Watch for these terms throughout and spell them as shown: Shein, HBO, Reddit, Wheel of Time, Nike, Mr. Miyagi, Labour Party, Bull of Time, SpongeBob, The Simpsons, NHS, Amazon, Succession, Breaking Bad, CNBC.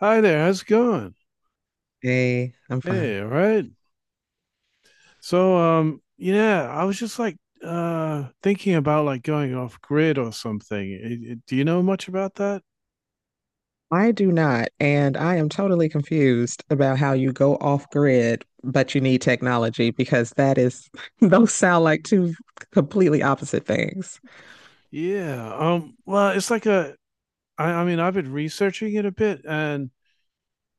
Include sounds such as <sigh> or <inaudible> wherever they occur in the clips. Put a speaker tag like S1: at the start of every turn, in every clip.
S1: Hi there, how's it going?
S2: Hey, I'm fine.
S1: Hey, all right. I was just like thinking about like going off grid or something. Do you know much about that?
S2: I do not, and I am totally confused about how you go off grid, but you need technology because <laughs> those sound like two completely opposite things.
S1: Yeah. Well, it's like a I mean, I've been researching it a bit and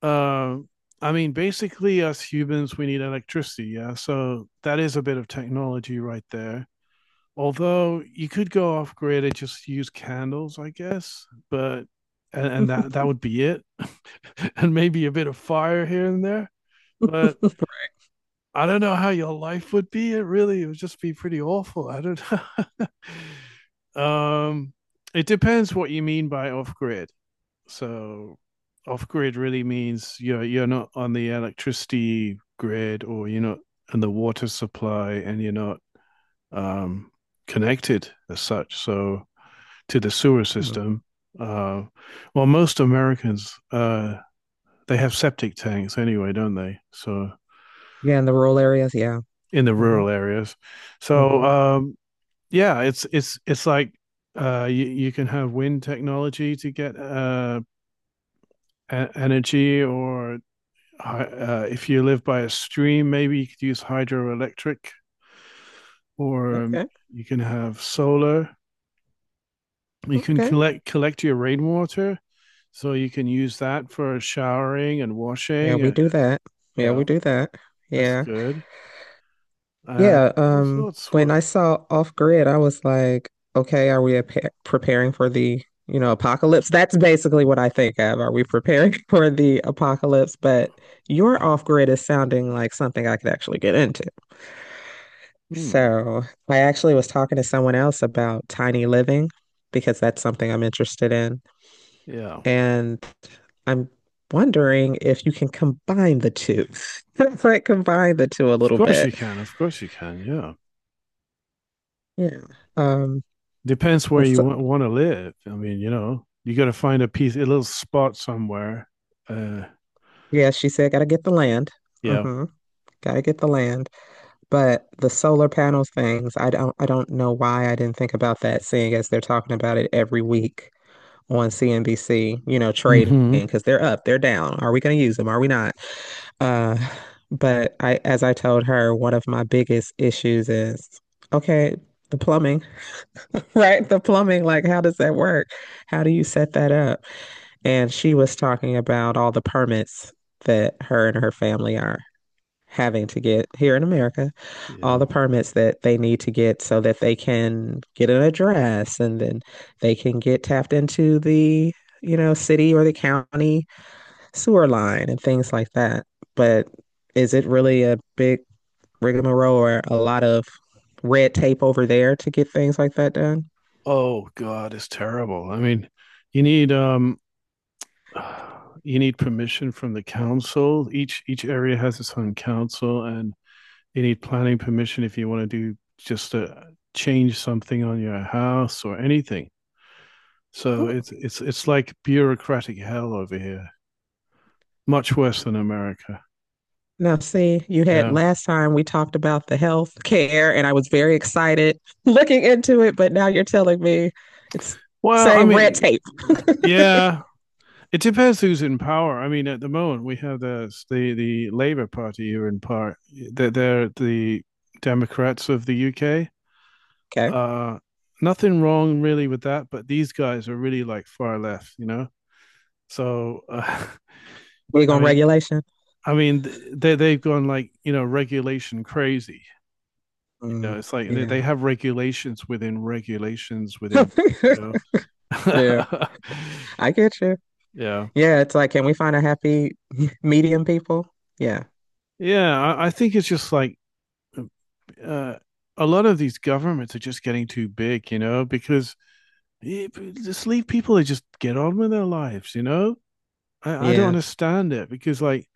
S1: um I mean, basically us humans we need electricity, yeah. So that is a bit of technology right there. Although you could go off grid and just use candles, I guess, but and that would be it, <laughs> and maybe a bit of fire here and there. But I don't know how your life would be. It really it would just be pretty awful. I don't know. <laughs> It depends what you mean by off grid. So off grid really means you're not on the electricity grid or you're not on the water supply and you're not um, connected as such. So to the sewer
S2: Hmm.
S1: system. Uh, well, most Americans they have septic tanks anyway, don't they? So
S2: Yeah, in the rural areas, yeah.
S1: in the
S2: Hmm.
S1: rural areas.
S2: Hmm.
S1: So um, yeah, it's like you can have wind technology to get energy, or if you live by a stream, maybe you could use hydroelectric, or
S2: Okay,
S1: you can have solar. You can
S2: okay.
S1: collect your rainwater, so you can use that for showering and
S2: Yeah,
S1: washing.
S2: we do that. Yeah, we
S1: Yeah,
S2: do that.
S1: that's
S2: Yeah.
S1: good.
S2: Yeah,
S1: And all sorts.
S2: when I saw Off Grid, I was like, okay, are we ap preparing for the apocalypse? That's basically what I think of. Are we preparing <laughs> for the apocalypse? But your Off Grid is sounding like something I could actually get into.
S1: Hmm,
S2: So I actually was talking to someone else about tiny living because that's something I'm interested in.
S1: yeah,
S2: And I'm wondering if you can combine the two. <laughs> Like combine the two a
S1: of
S2: little
S1: course you
S2: bit.
S1: can. Of course you can. Yeah,
S2: Yeah. Um,
S1: depends where
S2: but s-
S1: you want to live. I mean, you know, you got to find a piece, a little spot somewhere. Uh,
S2: Yeah, she said, gotta get the land.
S1: yeah.
S2: Mm-hmm. Gotta get the land. But the solar panel things, I don't know why I didn't think about that, seeing as they're talking about it every week on CNBC, trading,
S1: Mm-hmm.
S2: because they're up, they're down. Are we gonna use them? Are we not? Uh, but I as I told her, one of my biggest issues is okay, the plumbing, <laughs> right? The plumbing, like how does that work? How do you set that up? And she was talking about all the permits that her and her family are having to get here in America, all
S1: Yeah.
S2: the permits that they need to get so that they can get an address and then they can get tapped into the city or the county sewer line and things like that. But is it really a big rigmarole or a lot of red tape over there to get things like that done?
S1: Oh God, it's terrible. I mean, you need um you need permission from the council. Each area has its own council, and you need planning permission if you want to do just a change something on your house or anything. So
S2: Ooh.
S1: it's like bureaucratic hell over here, much worse than America.
S2: Now, see, you had
S1: Yeah.
S2: last time we talked about the health care, and I was very excited <laughs> looking into it, but now you're telling me it's
S1: Well, I
S2: same red
S1: mean,
S2: tape. <laughs>
S1: yeah, it depends who's in power. I mean, at the moment we have the Labour Party here in part. They're the Democrats of the UK.
S2: Okay.
S1: Uh, Nothing wrong really with that, but these guys are really like far left, you know. So uh,
S2: We
S1: <laughs> I
S2: on
S1: mean,
S2: regulation.
S1: I mean, they they've gone like you know regulation crazy. You
S2: Mm,
S1: know, it's like
S2: yeah.
S1: they have regulations within regulations within. You
S2: <laughs> Yeah,
S1: know, <laughs>
S2: I get you.
S1: yeah,
S2: Yeah, it's like, can we find a happy <laughs> medium people? Yeah,
S1: yeah. I think it's just like uh, a lot of these governments are just getting too big, you know, because eh, just leave people to just get on with their lives, you know. I don't
S2: yeah,
S1: understand it because like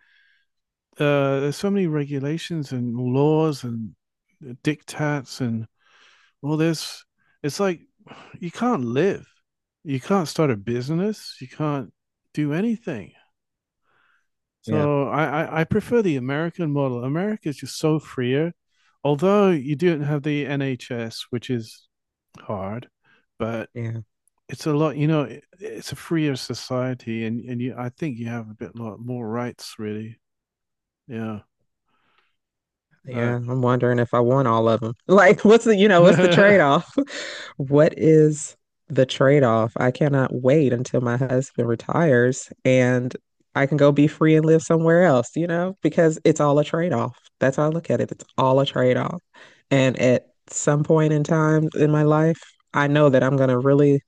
S1: there's so many regulations and laws and diktats and all this. It's like you can't live, you can't start a business, you can't do anything.
S2: yeah,
S1: So I prefer the American model. America is just so freer, although you don't have the NHS, which is hard, but
S2: yeah,
S1: it's a lot. You know, it's a freer society, and I think you have a bit lot more rights, really. Yeah.
S2: yeah. I'm wondering if I want all of them. <laughs> Like, what's the
S1: Uh, <laughs>
S2: trade-off? <laughs> What is the trade-off? I cannot wait until my husband retires and I can go be free and live somewhere else, because it's all a trade-off. That's how I look at it. It's all a trade-off. And at some point in time in my life, I know that I'm gonna really,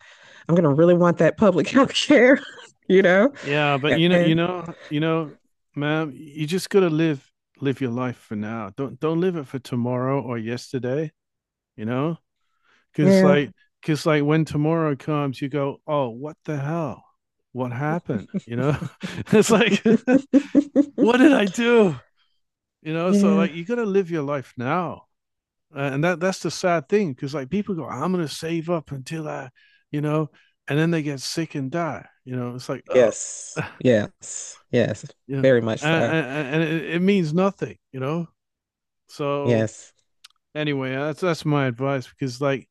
S2: I'm gonna really want that public <laughs> health care, <laughs> you know?
S1: yeah, but
S2: Eh,
S1: you know, ma'am, you just gotta live your life for now. Don't live it for tomorrow or yesterday, you know, because
S2: yeah.
S1: like because like, when tomorrow comes, you go, "Oh, what the hell? What happened?" You know?
S2: <laughs>
S1: <laughs> It's like, <laughs> "What did I do?" You know, so
S2: Yeah.
S1: like you gotta live your life now. And that's the sad thing, because like people go, "I'm gonna save up until I, you know," and then they get sick and die. You know, it's like, "Oh."
S2: Yes.
S1: <laughs>
S2: Yes. Yes.
S1: Yeah,
S2: Very much so.
S1: it means nothing, you know. So
S2: Yes.
S1: anyway, that's my advice because like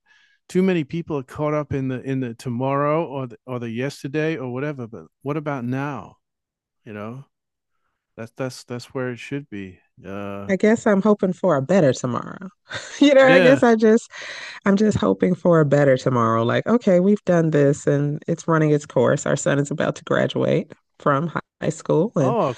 S1: too many people are caught up in the tomorrow or the yesterday or whatever. But what about now? You know, that's where it should be. Uh,
S2: I guess I'm hoping for a better tomorrow. <laughs> You know, I
S1: yeah.
S2: guess I just I'm just hoping for a better tomorrow. Like, okay, we've done this and it's running its course. Our son is about to graduate from high school and
S1: Oh,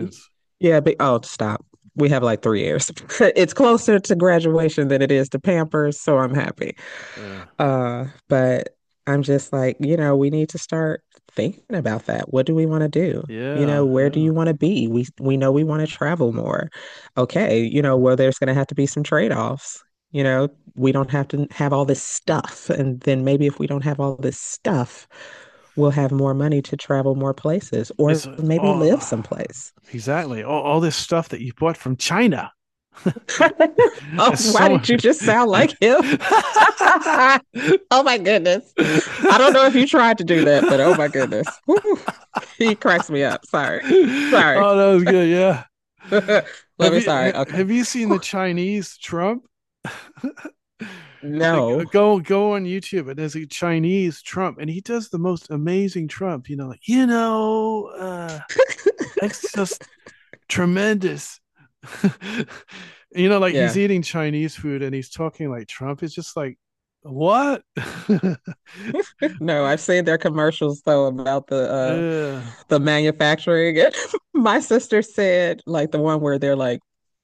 S2: <laughs> yeah, but oh, stop. We have like 3 years. <laughs> It's closer to graduation than it is to Pampers, so I'm happy.
S1: Yeah,
S2: But I'm just like, we need to start thinking about that. What do we want to do?
S1: yeah,
S2: Where do
S1: yeah.
S2: you want to be? We know we want to travel more. Okay, well, there's going to have to be some trade-offs. You know, we don't have to have all this stuff, and then maybe if we don't have all this stuff, we'll have more money to travel more places,
S1: It's
S2: or maybe live
S1: oh,
S2: someplace.
S1: exactly all this stuff that you bought from China.
S2: <laughs>
S1: <laughs>
S2: Oh,
S1: It's
S2: why
S1: so.
S2: did you just sound like him? <laughs>
S1: <laughs>
S2: Oh my goodness.
S1: <laughs>
S2: I don't
S1: Oh,
S2: know if you tried to do that, but oh my goodness. Whew. He cracks me up. Sorry.
S1: that
S2: Sorry.
S1: was good. Yeah.
S2: <laughs> Let
S1: Have
S2: me
S1: you
S2: sorry. Okay.
S1: have you seen the
S2: Whew.
S1: Chinese Trump? <laughs> Like,
S2: No.
S1: go on YouTube and there's a Chinese Trump and he does the most amazing Trump, you know, like, you know, it's just tremendous. <laughs> You know, like he's
S2: Yeah.
S1: eating Chinese food and he's talking like Trump. It's just like, what? <laughs>
S2: <laughs> No, I've seen their commercials though about the uh
S1: Yeah,
S2: the manufacturing. <laughs> My sister said, like the one where they're like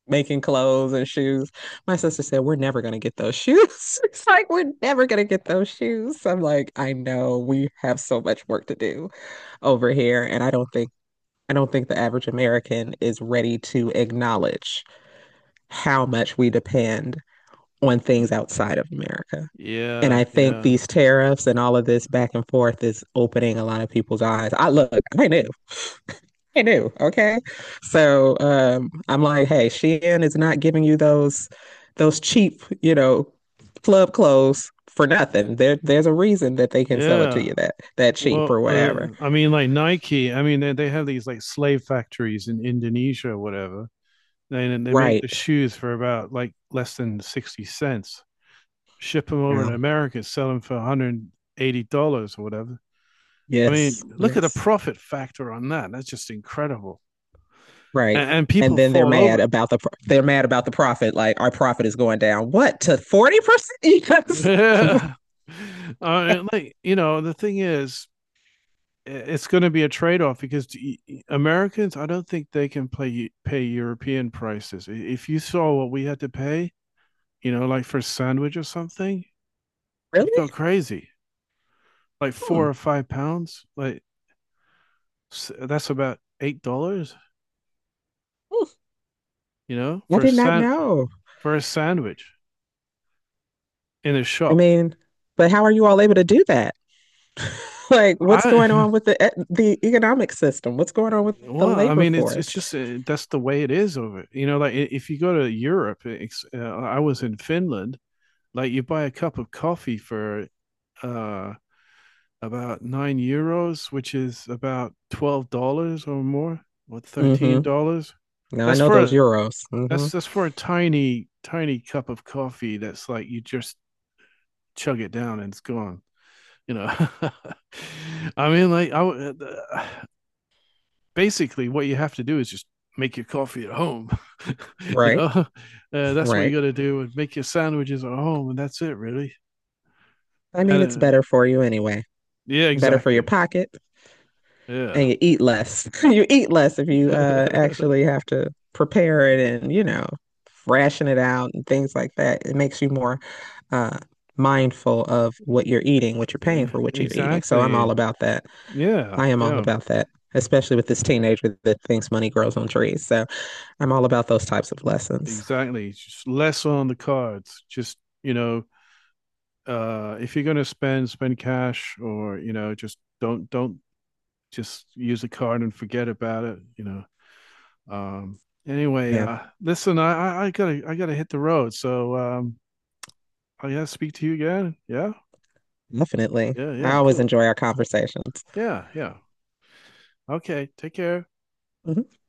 S2: making clothes and shoes. My sister said, we're never gonna get those shoes. <laughs> It's like we're never gonna get those shoes. I'm like, I know we have so much work to do over here, and I don't think the average American is ready to acknowledge how much we depend on things outside of America. And I
S1: yeah,
S2: think
S1: yeah,
S2: these tariffs and all of this back and forth is opening a lot of people's eyes. I look, I knew, I knew, okay. So I'm like, hey, Shein is not giving you those cheap, club clothes for nothing. There's a reason that they can sell it to
S1: yeah.
S2: you that cheap
S1: Well,
S2: or whatever.
S1: I mean, like Nike, I mean, they have these like slave factories in Indonesia or whatever. They make the
S2: Right.
S1: shoes for about like less than 60 cents, ship them over to
S2: Well,
S1: America, sell them for $180 or whatever. I
S2: yes,
S1: mean, look at the
S2: yes.
S1: profit factor on that. That's just incredible.
S2: Right.
S1: And
S2: And
S1: people
S2: then they're
S1: fall
S2: mad
S1: over.
S2: about they're mad about the profit. Like our profit is going down. What, to 40%? Yes. <laughs>
S1: <laughs> I mean, like, you know, the thing is, it's going to be a trade-off because Americans, I don't think they can play pay European prices. If you saw what we had to pay, you know, like for a sandwich or something, you'd go
S2: Really?
S1: crazy. Like
S2: Hmm.
S1: 4 or 5 pounds, like that's about $8,
S2: Hmm.
S1: you know,
S2: I did not know.
S1: for a sandwich in a
S2: I
S1: shop.
S2: mean, but how are you all able to do that? <laughs> Like, what's going
S1: I
S2: on with the economic system? What's going on with
S1: <laughs>
S2: the
S1: Well, I
S2: labor
S1: mean, it's
S2: force?
S1: just that's the way it is over. You know, like if you go to Europe, I was in Finland. Like you buy a cup of coffee for uh about 9 euros, which is about $12 or more, or thirteen
S2: Mm-hmm.
S1: dollars.
S2: Now I
S1: That's
S2: know
S1: for
S2: those
S1: a
S2: euros. Mm-hmm.
S1: that's for a tiny cup of coffee. That's like you just chug it down and it's gone. You know, <laughs> I mean, like I uh, basically what you have to do is just make your coffee at home. <laughs> You know,
S2: Right.
S1: that's what you
S2: Right.
S1: got to do. And make your sandwiches at home, and that's it, really.
S2: I
S1: And
S2: mean, it's better for you anyway.
S1: yeah,
S2: Better for your
S1: exactly.
S2: pocket. And
S1: Yeah.
S2: you eat less. <laughs> You eat less if you
S1: <laughs>
S2: actually have to prepare it and, ration it out and things like that. It makes you more uh, mindful of what you're eating, what you're paying
S1: Uh,
S2: for, what you're eating. So I'm
S1: exactly.
S2: all about that.
S1: Yeah,
S2: I am all
S1: yeah,
S2: about that, especially with this teenager that thinks money grows on trees. So I'm all about those types of lessons.
S1: exactly. Just less on the cards. Just, you know, if you're gonna spend cash or, you know, just don't just use a card and forget about it, you know. Um anyway,
S2: Yeah,
S1: listen, I gotta hit the road. So I gotta speak to you again. Yeah?
S2: definitely.
S1: Yeah,
S2: I
S1: yeah,
S2: always
S1: cool.
S2: enjoy our conversations.
S1: Yeah, yeah. Okay, take care.
S2: Mhm.